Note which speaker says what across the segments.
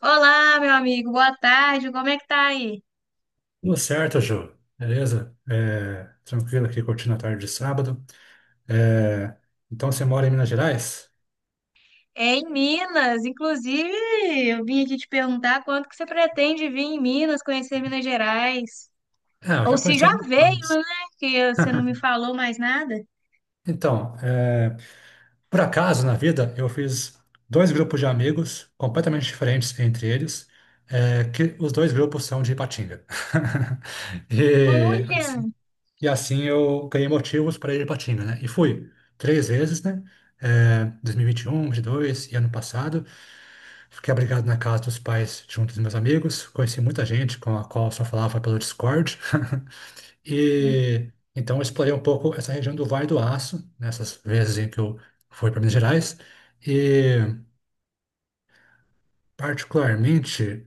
Speaker 1: Olá, meu amigo, boa tarde. Como é que tá aí?
Speaker 2: Tudo certo, Ju. Beleza? Tranquilo aqui, curtindo a tarde de sábado. É, então, você mora em Minas Gerais?
Speaker 1: É em Minas, inclusive, eu vim aqui te perguntar quanto que você pretende vir em Minas, conhecer Minas Gerais.
Speaker 2: Ah, eu
Speaker 1: Ou
Speaker 2: já
Speaker 1: se
Speaker 2: conheci
Speaker 1: já
Speaker 2: algumas
Speaker 1: veio,
Speaker 2: coisas.
Speaker 1: né? Que você não me falou mais nada.
Speaker 2: Então, é, por acaso, na vida, eu fiz dois grupos de amigos completamente diferentes entre eles, que os dois grupos são de Ipatinga. E
Speaker 1: Olha!
Speaker 2: E assim eu ganhei motivos para ir para Tina, né? E fui 3 vezes, né? É, 2021, 2022 e 21, 22 e ano passado. Fiquei abrigado na casa dos pais junto dos meus amigos. Conheci muita gente com a qual eu só falava pelo Discord. E então eu explorei um pouco essa região do Vale do Aço, nessas vezes em que eu fui para Minas Gerais. E particularmente.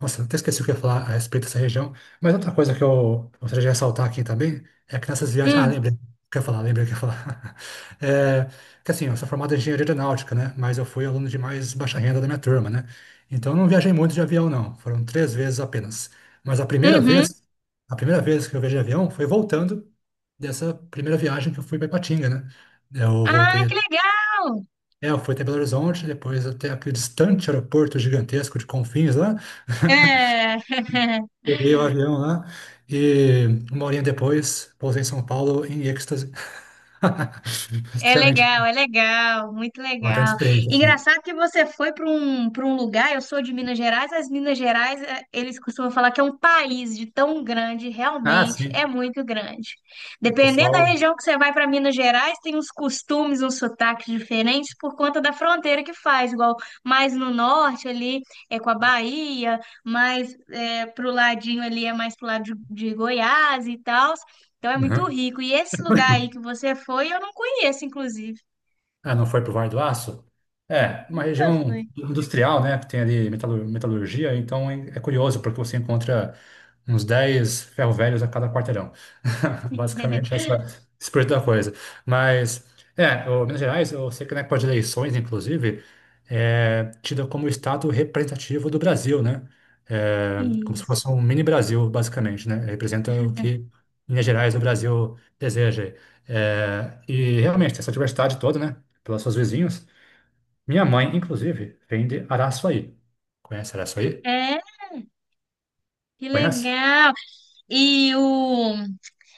Speaker 2: Nossa, até esqueci o que eu ia falar a respeito dessa região. Mas outra coisa que eu gostaria de ressaltar aqui também é que nessas viagens. Ah,
Speaker 1: Hum,
Speaker 2: lembrei o que eu ia falar, lembrei o que eu ia falar. É, que assim, eu sou formado em engenharia aeronáutica, né? Mas eu fui aluno de mais baixa renda da minha turma, né? Então eu não viajei muito de avião, não. Foram 3 vezes apenas. Mas a primeira
Speaker 1: uhum.
Speaker 2: vez, a primeira vez que eu viajei de avião foi voltando dessa primeira viagem que eu fui para Ipatinga, né? Eu
Speaker 1: Ah, que
Speaker 2: voltei.
Speaker 1: legal!
Speaker 2: É, eu fui até Belo Horizonte, depois até aquele distante aeroporto gigantesco de Confins lá.
Speaker 1: É.
Speaker 2: Peguei o avião lá e uma horinha depois pousei em São Paulo em êxtase. Extremamente
Speaker 1: É legal, muito
Speaker 2: importante
Speaker 1: legal.
Speaker 2: experiência, assim.
Speaker 1: Engraçado que você foi para um lugar, eu sou de Minas Gerais, as Minas Gerais, eles costumam falar que é um país de tão grande,
Speaker 2: Ah,
Speaker 1: realmente é
Speaker 2: sim.
Speaker 1: muito grande.
Speaker 2: O
Speaker 1: Dependendo da
Speaker 2: pessoal.
Speaker 1: região que você vai para Minas Gerais, tem uns costumes, uns sotaques diferentes por conta da fronteira que faz, igual mais no norte ali é com a Bahia, mais para pro ladinho ali é mais pro lado de Goiás e tal. Então é muito
Speaker 2: Uhum.
Speaker 1: rico. E esse lugar aí que você foi, eu não conheço, inclusive.
Speaker 2: Ah, não foi para o Vale do Aço? É, uma
Speaker 1: Nunca
Speaker 2: região
Speaker 1: fui.
Speaker 2: industrial, né, que tem ali metalurgia, então é curioso, porque você encontra uns 10 ferro-velhos a cada quarteirão. Basicamente, essa espírito da coisa. Mas, o Minas Gerais, eu sei que na época de eleições, inclusive, é tida como o estado representativo do Brasil, né? É, como se fosse
Speaker 1: Isso.
Speaker 2: um mini Brasil, basicamente, né? Representa o que Minas Gerais, o Brasil, deseja. É, e realmente, tem essa diversidade toda, né? Pelas suas vizinhas. Minha mãe, inclusive, vende Araçuaí. Conhece Araçuaí?
Speaker 1: É, que
Speaker 2: Conhece?
Speaker 1: legal. E o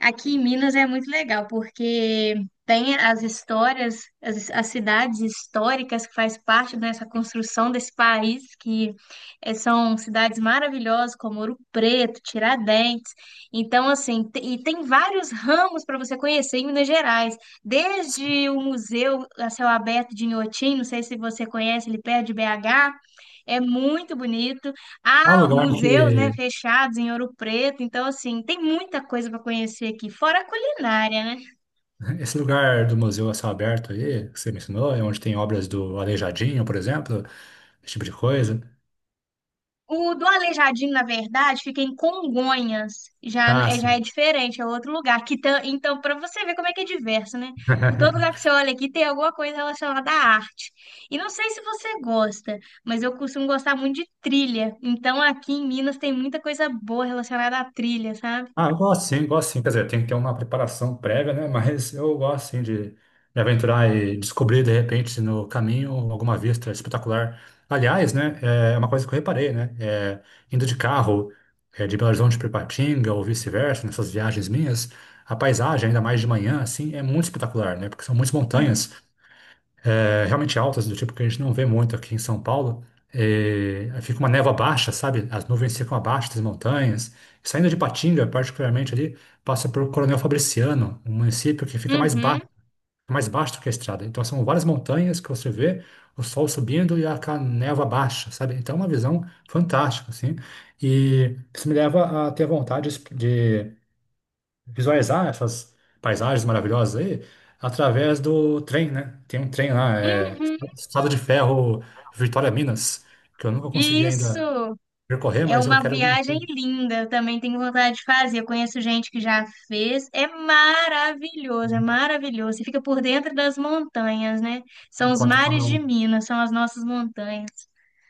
Speaker 1: Aqui em Minas é muito legal, porque tem as histórias, as cidades históricas que faz parte dessa construção desse país, que são cidades maravilhosas, como Ouro Preto, Tiradentes. Então, assim, e tem vários ramos para você conhecer em Minas Gerais, desde o Museu a Céu Aberto de Inhotim, não sei se você conhece, ele perto de BH, é muito bonito.
Speaker 2: É um
Speaker 1: Há
Speaker 2: lugar
Speaker 1: museus, né,
Speaker 2: que.
Speaker 1: fechados em Ouro Preto, então assim, tem muita coisa para conhecer aqui, fora a culinária, né?
Speaker 2: Esse lugar do Museu a Céu Aberto aí, que você mencionou, é onde tem obras do Aleijadinho, por exemplo, esse tipo de coisa.
Speaker 1: O do Aleijadinho, na verdade, fica em Congonhas,
Speaker 2: Ah,
Speaker 1: já é
Speaker 2: sim.
Speaker 1: diferente, é outro lugar. Que então, para você ver como é que é diverso, né? Todo lugar que você olha aqui tem alguma coisa relacionada à arte. E não sei se você gosta, mas eu costumo gostar muito de trilha. Então, aqui em Minas tem muita coisa boa relacionada à trilha, sabe?
Speaker 2: Ah, eu gosto sim, gosto sim. Quer dizer, tem que ter uma preparação prévia, né? Mas eu gosto sim de me aventurar e descobrir, de repente, no caminho, alguma vista espetacular. Aliás, né? É uma coisa que eu reparei, né? Indo de carro, de Belo Horizonte para Ipatinga ou vice-versa, nessas viagens minhas, a paisagem, ainda mais de manhã, assim, é muito espetacular, né? Porque são muitas
Speaker 1: É.
Speaker 2: montanhas realmente altas, do tipo que a gente não vê muito aqui em São Paulo. É, aí fica uma névoa baixa, sabe? As nuvens ficam abaixo das montanhas. Saindo de Patinga, particularmente ali, passa por Coronel Fabriciano, um município que fica
Speaker 1: Uhum,
Speaker 2: mais baixo do que a estrada. Então são várias montanhas que você vê o sol subindo e a névoa baixa, sabe? Então é uma visão fantástica, assim. E isso me leva a ter vontade de visualizar né, essas paisagens maravilhosas aí através do trem, né? Tem um trem lá, é
Speaker 1: uhum.
Speaker 2: Estrada de Ferro Vitória Minas, que eu nunca consegui
Speaker 1: Isso!
Speaker 2: ainda percorrer,
Speaker 1: É
Speaker 2: mas eu
Speaker 1: uma
Speaker 2: quero
Speaker 1: viagem linda, eu também tenho vontade de fazer. Eu conheço gente que já fez. É maravilhoso, é maravilhoso. Você fica por dentro das montanhas, né? São os
Speaker 2: enquanto come
Speaker 1: mares de
Speaker 2: um.
Speaker 1: Minas, são as nossas montanhas.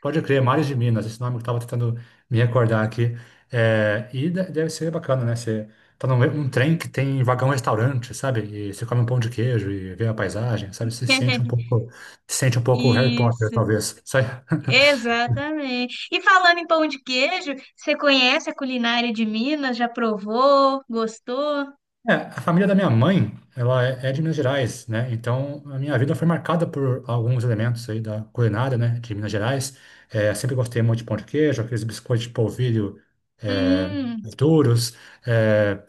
Speaker 2: Pode crer, Mares de Minas, esse nome que eu estava tentando me recordar aqui. E deve ser bacana, né? Você tá num trem que tem vagão restaurante, sabe? E você come um pão de queijo e vê a paisagem, sabe? Você se sente um pouco, se sente um pouco Harry Potter,
Speaker 1: Isso,
Speaker 2: talvez. Sabe?
Speaker 1: exatamente. E falando em pão de queijo, você conhece a culinária de Minas? Já provou? Gostou?
Speaker 2: É, a família da minha mãe, ela é de Minas Gerais, né? Então, a minha vida foi marcada por alguns elementos aí da culinária, né, de Minas Gerais. É, sempre gostei muito de pão de queijo, aqueles biscoitos de polvilho é,
Speaker 1: Hum,
Speaker 2: duros, é,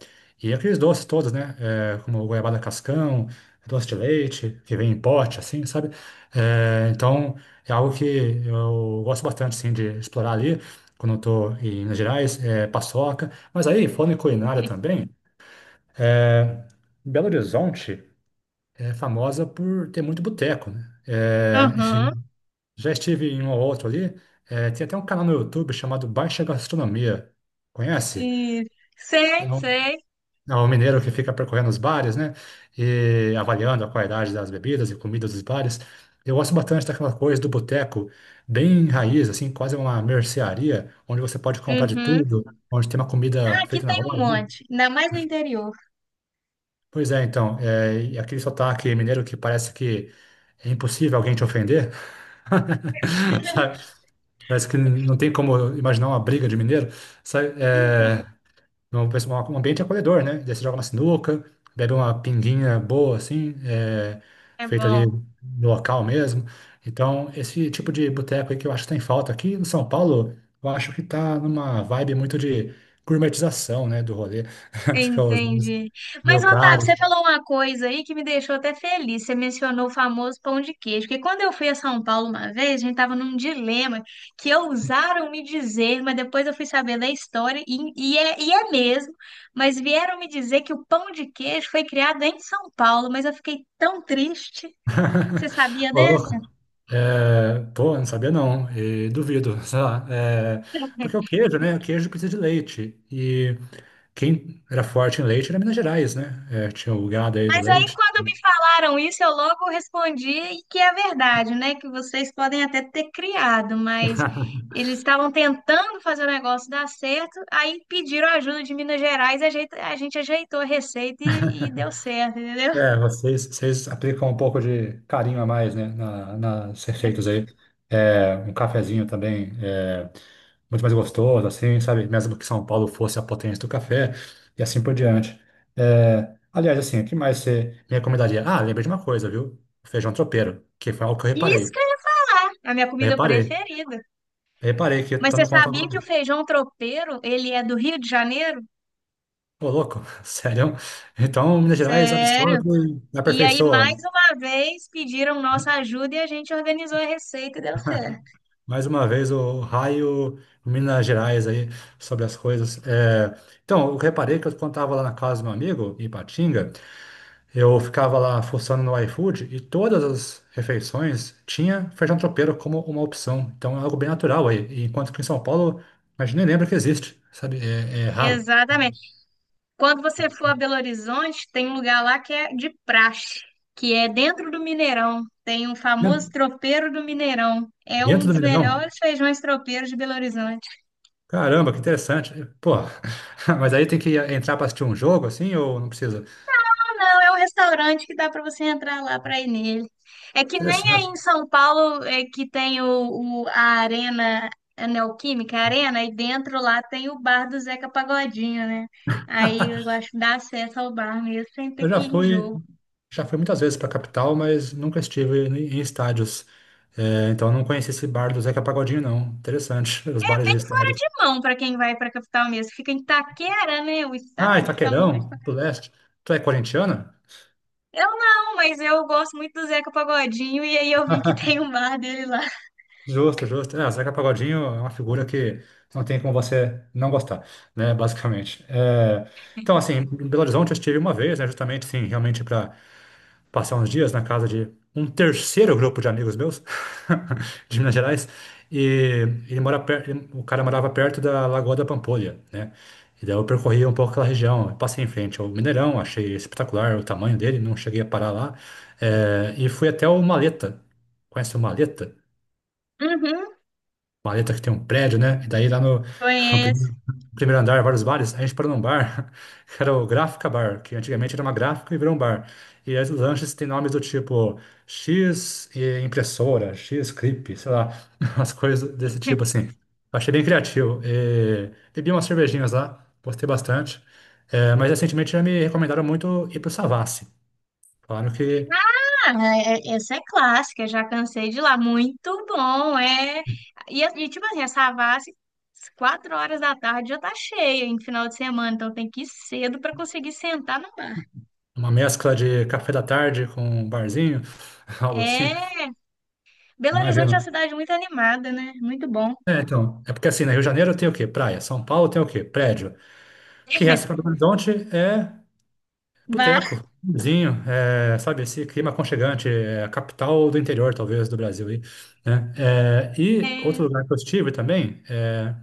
Speaker 2: e aqueles doces todos, né? É, como goiabada cascão, doce de leite, que vem em pote, assim, sabe? É, então, é algo que eu gosto bastante, assim, de explorar ali, quando eu tô em Minas Gerais, é, paçoca. Mas aí, falando em culinária também... É, Belo Horizonte é famosa por ter muito boteco, né? É,
Speaker 1: aham.
Speaker 2: já estive em um ou outro ali. É, tem até um canal no YouTube chamado Baixa Gastronomia. Conhece?
Speaker 1: Isso.
Speaker 2: É
Speaker 1: Sei,
Speaker 2: um,
Speaker 1: sei.
Speaker 2: é um mineiro que fica percorrendo os bares, né? E avaliando a qualidade das bebidas e comidas dos bares. Eu gosto bastante daquela coisa do boteco, bem raiz, assim, quase uma mercearia, onde você pode comprar de
Speaker 1: Uhum.
Speaker 2: tudo, onde tem uma
Speaker 1: Ah,
Speaker 2: comida
Speaker 1: aqui
Speaker 2: feita na
Speaker 1: tem um
Speaker 2: hora, né?
Speaker 1: monte, ainda mais no interior.
Speaker 2: Pois é, então, é, e aquele sotaque mineiro que parece que é impossível alguém te ofender, sabe? Parece que não tem como imaginar uma briga de mineiro, sabe? É, um ambiente é acolhedor, né? Daí você joga uma sinuca, bebe uma pinguinha boa, assim, é,
Speaker 1: É
Speaker 2: feita ali
Speaker 1: bom,
Speaker 2: no local mesmo. Então, esse tipo de boteco aí que eu acho que tem falta aqui em São Paulo, eu acho que tá numa vibe muito de gourmetização, né, do rolê. Acho que é os meus-
Speaker 1: entendi. Mas,
Speaker 2: meio
Speaker 1: Otávio,
Speaker 2: caro,
Speaker 1: você falou uma coisa aí que me deixou até feliz. Você mencionou o famoso pão de queijo, porque quando eu fui a São Paulo uma vez, a gente estava num dilema que ousaram me dizer, mas depois eu fui saber da história, e é mesmo, mas vieram me dizer que o pão de queijo foi criado em São Paulo, mas eu fiquei tão triste. Você sabia
Speaker 2: Ô,
Speaker 1: dessa?
Speaker 2: louco. É, pô, não sabia não, e duvido, sei lá. É, porque o queijo, né? O queijo precisa de leite. E quem era forte em leite era Minas Gerais, né? É, tinha o gado aí do
Speaker 1: Mas aí,
Speaker 2: leite.
Speaker 1: quando me falaram isso, eu logo respondi e que é verdade, né? Que vocês podem até ter criado, mas eles estavam tentando fazer o negócio dar certo, aí pediram ajuda de Minas Gerais, a gente ajeitou a receita e deu certo, entendeu?
Speaker 2: É, vocês aplicam um pouco de carinho a mais, né? Na, nas receitas aí. É, um cafezinho também. É, muito mais gostoso, assim, sabe? Mesmo que São Paulo fosse a potência do café e assim por diante. É, aliás, assim, o que mais você me recomendaria? Ah, lembrei de uma coisa, viu? O feijão tropeiro, que foi algo que eu reparei.
Speaker 1: isca a minha
Speaker 2: Eu
Speaker 1: comida
Speaker 2: reparei.
Speaker 1: preferida.
Speaker 2: Eu reparei que eu
Speaker 1: Mas
Speaker 2: tô
Speaker 1: você
Speaker 2: no
Speaker 1: sabia que o
Speaker 2: contato.
Speaker 1: feijão tropeiro, ele é do Rio de Janeiro?
Speaker 2: Ô, louco, sério? Então, Minas Gerais absorve
Speaker 1: Sério?
Speaker 2: e
Speaker 1: E aí, mais
Speaker 2: aperfeiçoa.
Speaker 1: uma vez, pediram nossa ajuda e a gente organizou a receita e deu certo.
Speaker 2: Mais uma vez, o raio Minas Gerais aí sobre as coisas. É, então, eu reparei que eu, quando estava lá na casa do meu amigo, em Ipatinga, eu ficava lá fuçando no iFood e todas as refeições tinha feijão tropeiro como uma opção. Então é algo bem natural aí. E enquanto que em São Paulo, a gente nem lembra que existe, sabe? É, é raro.
Speaker 1: Exatamente. Quando você for a Belo Horizonte, tem um lugar lá que é de praxe, que é dentro do Mineirão. Tem um famoso
Speaker 2: Dentro
Speaker 1: tropeiro do Mineirão. É um
Speaker 2: dentro do
Speaker 1: dos
Speaker 2: Mineirão?
Speaker 1: melhores feijões tropeiros de Belo Horizonte.
Speaker 2: Caramba, que interessante. Pô, mas aí tem que entrar para assistir um jogo assim ou não precisa?
Speaker 1: Ah, não, é um restaurante que dá para você entrar lá para ir nele. É que nem aí
Speaker 2: Interessante.
Speaker 1: em São Paulo é que tem a Arena a Neoquímica, a Arena, e dentro lá tem o bar do Zeca Pagodinho, né? Aí eu acho que dá acesso ao bar mesmo sem ter
Speaker 2: Eu
Speaker 1: que
Speaker 2: já
Speaker 1: ir em
Speaker 2: fui,
Speaker 1: jogo.
Speaker 2: já fui muitas vezes para a capital, mas nunca estive em estádios. É, então não conheci esse bar do Zeca Pagodinho, não. Interessante, os bares
Speaker 1: Bem
Speaker 2: de
Speaker 1: fora
Speaker 2: estádios.
Speaker 1: de mão para quem vai para a capital mesmo. Fica em Itaquera, né? O
Speaker 2: Ah,
Speaker 1: estádio fica longe.
Speaker 2: Itaquerão, do leste. Tu é corintiana?
Speaker 1: Eu não, mas eu gosto muito do Zeca Pagodinho e aí eu vi que tem o bar dele lá.
Speaker 2: Justo, justo. Ah, Zeca Pagodinho é uma figura que não tem como você não gostar, né? Basicamente. É, então, assim, em Belo Horizonte eu estive uma vez, né? Justamente, sim, realmente para passar uns dias na casa de um terceiro grupo de amigos meus, de Minas Gerais, e ele mora per- ele- o cara morava perto da Lagoa da Pampolha, né? E daí eu percorri um pouco aquela região, eu passei em frente ao Mineirão, achei espetacular o tamanho dele, não cheguei a parar lá, e fui até o Maleta. Conhece o Maleta?
Speaker 1: Uhum,
Speaker 2: Valeta que tem um prédio, né? E daí lá no no
Speaker 1: conheço.
Speaker 2: primeiro andar, vários bares, a gente parou num bar, que era o Gráfica Bar, que antigamente era uma gráfica e virou um bar. E aí os lanches têm nomes do tipo X e impressora, X clip, sei lá, umas coisas desse tipo assim. Eu achei bem criativo. E bebi umas cervejinhas lá, gostei bastante. É, mas recentemente já me recomendaram muito ir pro Savassi. Falaram que
Speaker 1: Ah, essa é clássica, já cansei de ir lá. Muito bom, é. E, tipo assim, essa Savassi, às 4 horas da tarde já tá cheia em final de semana, então tem que ir cedo para conseguir sentar no bar.
Speaker 2: uma mescla de café da tarde com um barzinho, algo
Speaker 1: É.
Speaker 2: assim.
Speaker 1: Belo Horizonte
Speaker 2: Imagino.
Speaker 1: é uma cidade muito animada, né? Muito bom.
Speaker 2: É, então, é porque assim, no Rio de Janeiro tem o quê? Praia. São Paulo tem o quê? Prédio. O que resta para Belo Horizonte é
Speaker 1: Bar.
Speaker 2: boteco, vizinho, é, sabe, esse clima aconchegante, é a capital do interior, talvez, do Brasil aí, né? É, e outro
Speaker 1: É,
Speaker 2: lugar que eu estive também é,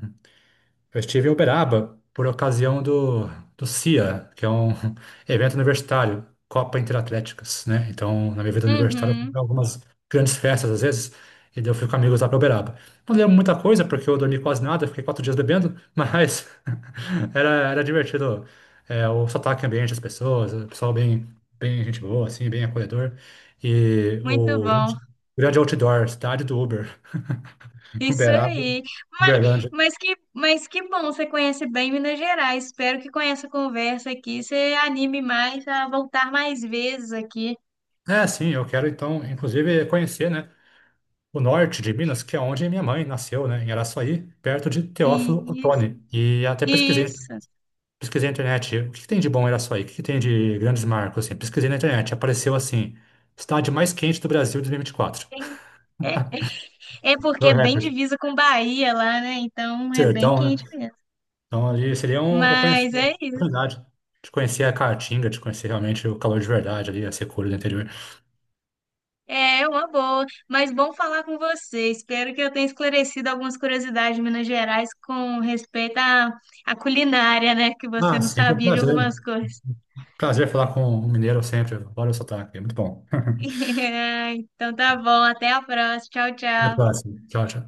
Speaker 2: eu estive em Uberaba por ocasião do CIA, que é um evento universitário, Copa Interatléticas, né? Então, na minha vida universitária, eu fui
Speaker 1: uhum,
Speaker 2: pra algumas grandes festas às vezes, e daí eu fui com amigos lá para Uberaba. Não lembro muita coisa, porque eu dormi quase nada, fiquei 4 dias bebendo, mas era divertido. É, o sotaque ambiente, as pessoas, o pessoal bem, bem gente boa, assim, bem acolhedor. E
Speaker 1: muito
Speaker 2: o
Speaker 1: bom.
Speaker 2: grande outdoor, cidade do Uber,
Speaker 1: Isso
Speaker 2: Uberaba,
Speaker 1: aí. Mas,
Speaker 2: Uberlândia.
Speaker 1: mas que bom, você conhece bem Minas Gerais. Espero que com essa conversa aqui você anime mais a voltar mais vezes aqui.
Speaker 2: É, sim, eu quero então, inclusive, conhecer, né, o norte de Minas, que é onde minha mãe nasceu, né, em Araçuaí, perto de Teófilo
Speaker 1: Isso,
Speaker 2: Otoni. E até pesquisei,
Speaker 1: isso.
Speaker 2: pesquisei na internet, o que que tem de bom em Araçuaí? O que que tem de grandes marcos, assim? Pesquisei na internet, apareceu assim, cidade mais quente do Brasil de 2024.
Speaker 1: É, é é porque
Speaker 2: Meu
Speaker 1: é bem
Speaker 2: recorde.
Speaker 1: divisa com Bahia lá, né? Então é bem
Speaker 2: Sertão, né?
Speaker 1: quente mesmo.
Speaker 2: Então ali seria um, eu conheci
Speaker 1: Mas
Speaker 2: a
Speaker 1: é isso.
Speaker 2: oportunidade de conhecer a Caatinga, de conhecer realmente o calor de verdade ali, a secura do interior.
Speaker 1: É é uma boa, mas bom falar com você. Espero que eu tenha esclarecido algumas curiosidades de Minas Gerais com respeito à, à culinária, né? Que você
Speaker 2: Ah,
Speaker 1: não
Speaker 2: sempre um
Speaker 1: sabia de algumas
Speaker 2: prazer.
Speaker 1: coisas.
Speaker 2: Prazer falar com um mineiro sempre. Olha o sotaque, é muito bom.
Speaker 1: Então tá bom, até a próxima. Tchau,
Speaker 2: Até a
Speaker 1: tchau.
Speaker 2: próxima. Tchau, tchau.